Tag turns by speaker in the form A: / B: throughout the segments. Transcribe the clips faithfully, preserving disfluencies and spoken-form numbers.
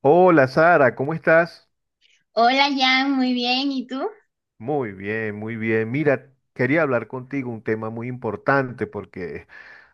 A: Hola Sara, ¿cómo estás?
B: Hola Jan, muy bien, ¿y tú?
A: Muy bien, muy bien. Mira, quería hablar contigo un tema muy importante porque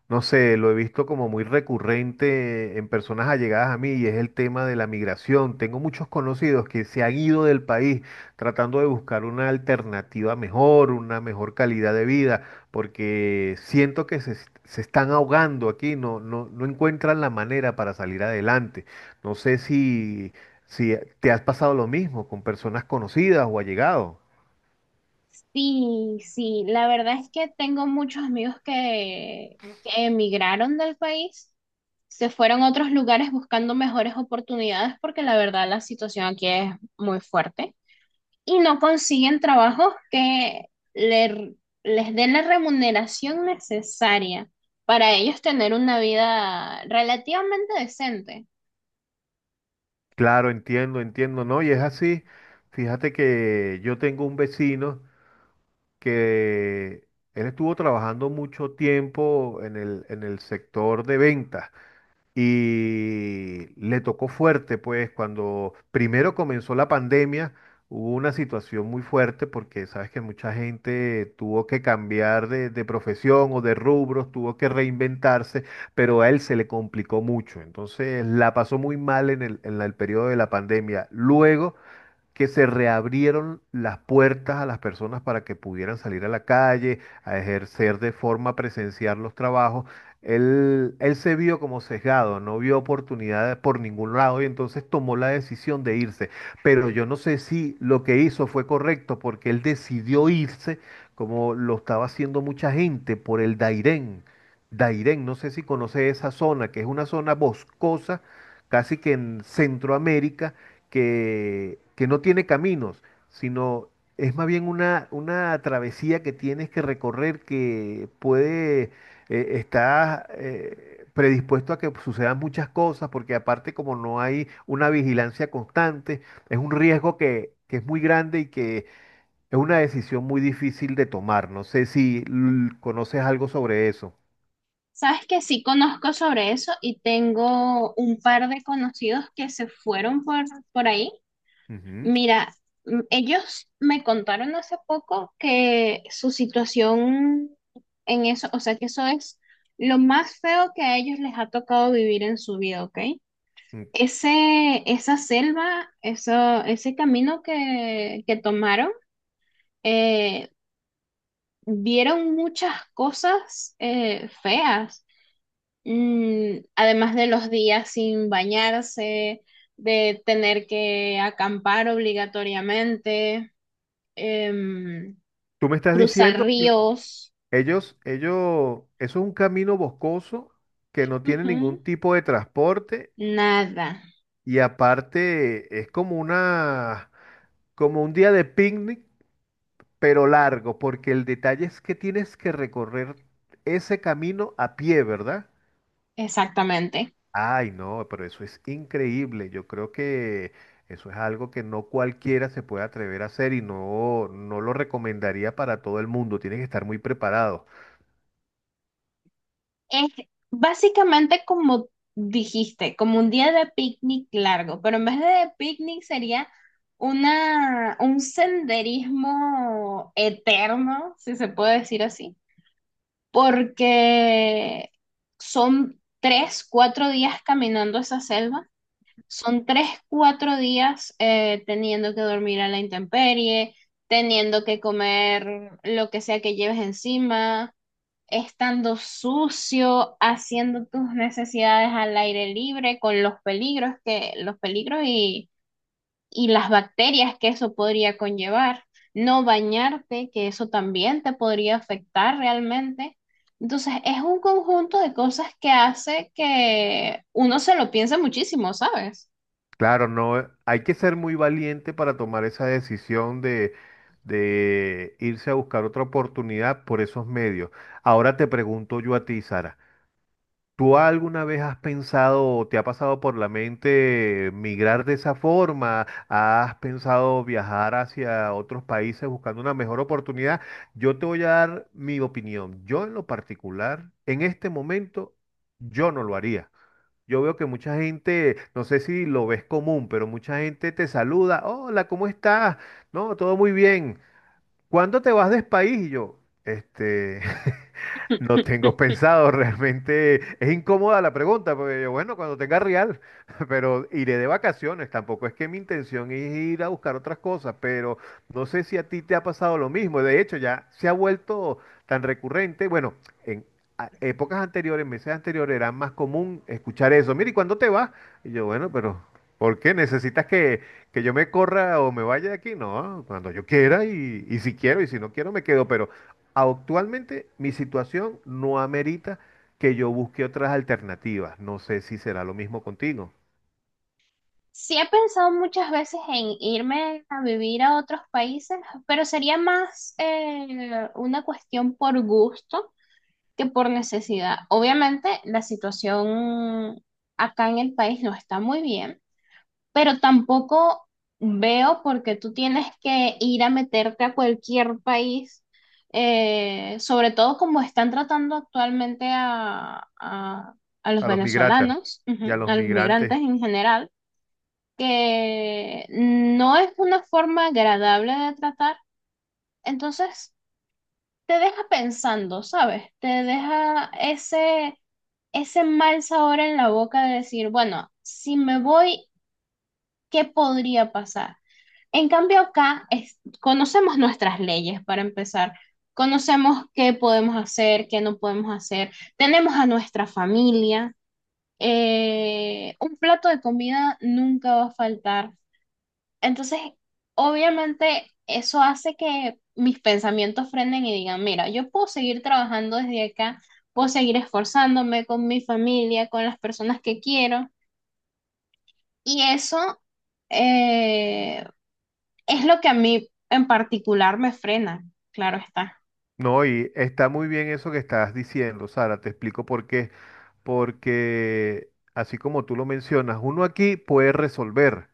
A: no sé, lo he visto como muy recurrente en personas allegadas a mí y es el tema de la migración. Tengo muchos conocidos que se han ido del país tratando de buscar una alternativa mejor, una mejor calidad de vida, porque siento que se, es- se están ahogando aquí, no, no, no encuentran la manera para salir adelante. No sé si, si te has pasado lo mismo con personas conocidas o allegados.
B: Sí, sí, la verdad es que tengo muchos amigos que, que emigraron del país, se fueron a otros lugares buscando mejores oportunidades porque la verdad la situación aquí es muy fuerte y no consiguen trabajos que le- les den la remuneración necesaria para ellos tener una vida relativamente decente.
A: Claro, entiendo, entiendo, ¿no? Y es así. Fíjate que yo tengo un vecino que él estuvo trabajando mucho tiempo en el, en el sector de ventas y le tocó fuerte, pues cuando primero comenzó la pandemia, hubo una situación muy fuerte porque sabes que mucha gente tuvo que cambiar de, de profesión o de rubros, tuvo que reinventarse, pero a él se le complicó mucho. Entonces la pasó muy mal en el, en la- el periodo de la pandemia. Luego que se reabrieron las puertas a las personas para que pudieran salir a la calle, a ejercer de forma presenciar los trabajos. Él, él se vio como sesgado, no vio oportunidades por ningún lado y entonces tomó la decisión de irse. Pero yo no sé si lo que hizo fue correcto porque él decidió irse como lo estaba haciendo mucha gente por el Dairén. Dairén, no sé si conoce esa zona, que es una zona boscosa, casi que en Centroamérica que, que no tiene caminos, sino es más bien una, una travesía que tienes que recorrer que puede, eh, está eh, predispuesto a que sucedan muchas cosas, porque aparte como no hay una vigilancia constante, es un riesgo que, que es muy grande y que es una decisión muy difícil de tomar. No sé si l- conoces algo sobre eso.
B: Sabes que sí conozco sobre eso y tengo un par de conocidos que se fueron por, por ahí.
A: Ujú.
B: Mira, mm, ellos me contaron hace poco que su situación en eso, o sea, que eso es lo más feo que a ellos les ha tocado vivir en su vida, ¿ok?
A: Mm.
B: Ese, esa selva, eso, ese camino que, que tomaron, eh, vieron muchas cosas eh, feas. Mm, además de los días sin bañarse, de tener que acampar obligatoriamente, em,
A: Tú me estás
B: cruzar
A: diciendo
B: ríos,
A: Ellos, ellos, eso es un camino boscoso que no tiene
B: ujú,
A: ningún tipo de transporte
B: nada,
A: y aparte es como una, como un día de picnic, pero largo, porque el detalle es que tienes que recorrer ese camino a pie, ¿verdad?
B: exactamente.
A: Ay, no, pero eso es increíble. Yo creo que eso es algo que no cualquiera se puede atrever a hacer y no, no lo recomendaría para todo el mundo. Tienes que estar muy preparado.
B: Es básicamente como dijiste, como un día de picnic largo, pero en vez de picnic sería una, un senderismo eterno, si se puede decir así, porque son tres, cuatro días caminando esa selva, son tres, cuatro días eh, teniendo que dormir a la intemperie, teniendo que comer lo que sea que lleves encima, estando sucio, haciendo tus necesidades al aire libre, con los peligros que, los peligros y las bacterias que eso podría conllevar, no bañarte, que eso también te podría afectar realmente. Entonces, es un conjunto de cosas que hace que uno se lo piense muchísimo, ¿sabes?
A: Claro, no, eh, hay que ser muy valiente para tomar esa decisión de, de irse a buscar otra oportunidad por esos medios. Ahora te pregunto yo a ti, Sara, ¿tú alguna vez has pensado o te ha pasado por la mente migrar de esa forma? ¿Has pensado viajar hacia otros países buscando una mejor oportunidad? Yo te voy a dar mi opinión. Yo en lo particular, en este momento, yo no lo haría. Yo veo que mucha gente, no sé si lo ves común, pero mucha gente te saluda. Hola, ¿cómo estás? No, todo muy bien. ¿Cuándo te vas del país? Y yo, este, no tengo pensado, realmente es incómoda la pregunta, porque yo, bueno, cuando tenga real, pero iré de vacaciones, tampoco es que mi intención es ir a buscar otras cosas, pero no sé si a ti te ha pasado lo mismo, de hecho ya se ha vuelto tan recurrente, bueno, en a- épocas anteriores, meses anteriores era más común escuchar eso, mire, ¿y cuándo te vas? Y yo, bueno, pero ¿por qué necesitas que, que yo me corra o me vaya de aquí? No, cuando yo quiera y, y si quiero y si no quiero me quedo, pero... actualmente mi situación no amerita que yo busque otras alternativas. No sé si será lo mismo contigo.
B: Sí he pensado muchas veces en irme a vivir a otros países, pero sería más eh, una cuestión por gusto que por necesidad. Obviamente, la situación acá en el país no está muy bien, pero tampoco veo por qué tú tienes que ir a meterte a cualquier país, eh, sobre todo como están tratando actualmente a, a- a los
A: A los migrantes
B: venezolanos,
A: y a
B: ujú,
A: los
B: a los
A: migrantes.
B: migrantes en general, que no es una forma agradable de tratar. Entonces, te deja pensando, ¿sabes? Te deja ese, ese mal sabor en la boca de decir, bueno, si me voy, ¿qué podría pasar? En cambio, acá es- conocemos nuestras leyes para empezar. Conocemos qué podemos hacer, qué no podemos hacer. Tenemos a nuestra familia. Eh, un plato de comida nunca va a faltar. Entonces, obviamente, eso hace que mis pensamientos frenen y digan, mira, yo puedo seguir trabajando desde acá, puedo seguir esforzándome con mi familia, con las personas que quiero. Y eso, eh, es lo que a mí en particular me frena, claro está.
A: No, y está muy bien eso que estás diciendo, Sara. Te explico por qué. Porque, así como tú lo mencionas, uno aquí puede resolver.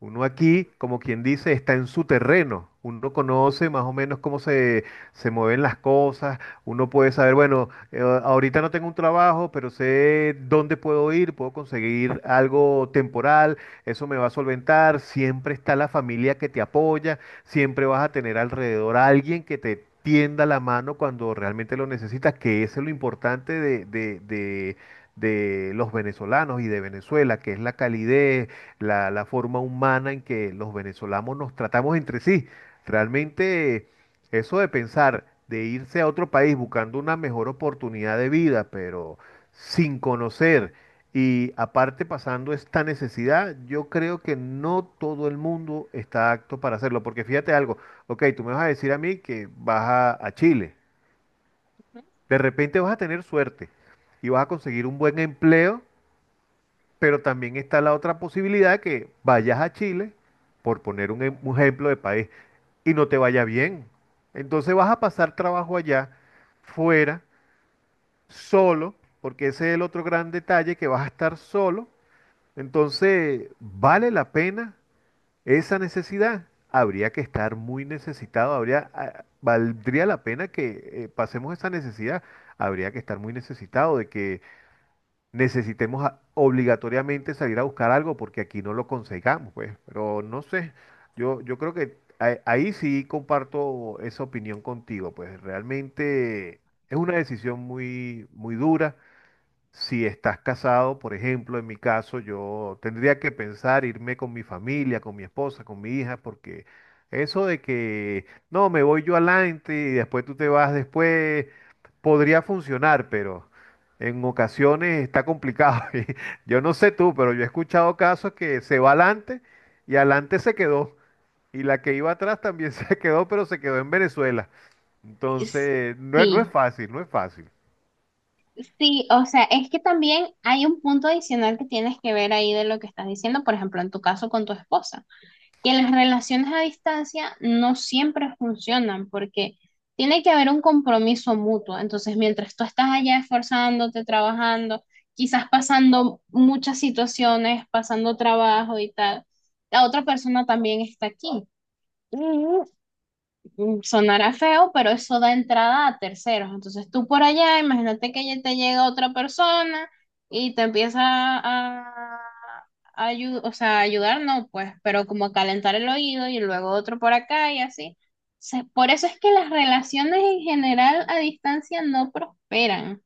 A: Uno aquí, como quien dice, está en su terreno. Uno conoce más o menos cómo se, se mueven las cosas. Uno puede saber, bueno, eh, ahorita no tengo un trabajo, pero sé dónde puedo ir, puedo conseguir algo temporal, eso me va a solventar. Siempre está la familia que te apoya, siempre vas a tener alrededor a alguien que te tienda la mano cuando realmente lo necesitas, que eso es lo importante de, de- de- de los venezolanos y de Venezuela, que es la calidez, la, la forma humana en que los venezolanos nos tratamos entre sí. Realmente eso de pensar de irse a otro país buscando una mejor oportunidad de vida, pero sin conocer y aparte, pasando esta necesidad, yo creo que no todo el mundo está apto para hacerlo. Porque fíjate algo, ok, tú me vas a decir a mí que vas a, a Chile. De repente vas a tener suerte y vas a conseguir un buen empleo, pero también está la otra posibilidad que vayas a Chile, por poner un, em- un ejemplo de país, y no te vaya bien. Entonces vas a pasar trabajo allá, fuera, solo, porque ese es el otro gran detalle, que vas a estar solo. Entonces, ¿vale la pena esa necesidad? Habría que estar muy necesitado, habría, ah, valdría la pena que eh, pasemos esa necesidad. Habría que estar muy necesitado de que necesitemos a- obligatoriamente salir a buscar algo porque aquí no lo consigamos, pues. Pero no sé, yo, yo creo que a- ahí sí comparto esa opinión contigo, pues realmente es una decisión muy, muy dura si estás casado, por ejemplo, en mi caso, yo tendría que pensar irme con mi familia, con mi esposa, con mi hija, porque eso de que no, me voy yo adelante y después tú te vas después, podría funcionar, pero en ocasiones está complicado. Y yo no sé tú, pero yo he escuchado casos que se va adelante y adelante se quedó. Y la que iba atrás también se quedó, pero se quedó en Venezuela.
B: Es-
A: Entonces, no, es- no es
B: Sí,
A: fácil, no es fácil.
B: sí, o sea, es que también hay un punto adicional que tienes que ver ahí de lo que estás diciendo, por ejemplo, en tu caso con tu esposa, que las relaciones a distancia no siempre funcionan porque tiene que haber un compromiso mutuo. Entonces, mientras tú estás allá esforzándote, trabajando, quizás pasando muchas situaciones, pasando trabajo y tal, la otra persona también está aquí. Mm, sonará feo, pero eso da entrada a terceros. Entonces tú por allá, imagínate que ya te llega otra persona y te empieza a, a ayu- o sea, a ayudar, no, pues, pero como a calentar el oído y luego otro por acá y así. Se- por eso es que las relaciones en general a distancia no prosperan.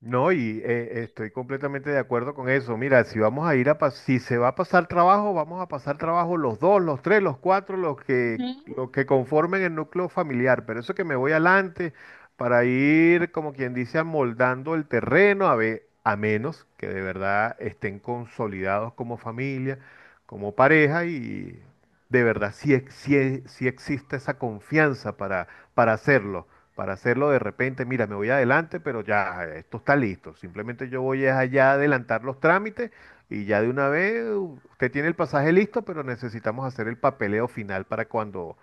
A: No, y eh, estoy completamente de acuerdo con eso. Mira, si vamos a ir a pas- si se va a pasar trabajo, vamos a pasar trabajo los dos, los tres, los cuatro, los que,
B: Ujú.
A: los que conformen el núcleo familiar. Pero eso que me voy adelante para ir, como quien dice, amoldando el terreno, a ve- a menos que de verdad estén consolidados como familia, como pareja, y de verdad sí, ex- sí, sí existe esa confianza para, para hacerlo para hacerlo de repente, mira, me voy adelante, pero ya, esto está listo. Simplemente yo voy es allá a adelantar los trámites y ya de una vez u- usted tiene el pasaje listo, pero necesitamos hacer el papeleo final para cuando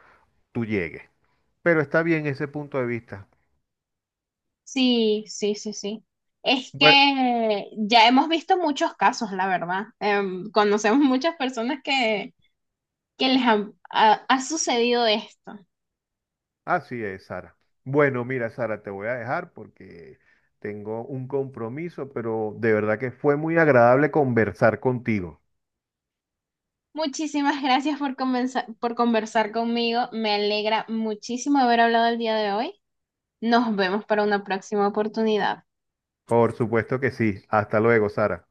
A: tú llegues. Pero está bien ese punto de vista.
B: Sí, sí, sí, sí. Es
A: Bueno,
B: que ya hemos visto muchos casos, la verdad. Em, conocemos muchas personas que que les ha, ha- ha sucedido esto.
A: así es, Sara. Bueno, mira, Sara, te voy a dejar porque tengo un compromiso, pero de verdad que fue muy agradable conversar contigo.
B: Muchísimas gracias por, comenza- por conversar conmigo. Me alegra muchísimo haber hablado el día de hoy. Nos vemos para una próxima oportunidad.
A: Por supuesto que sí. Hasta luego, Sara.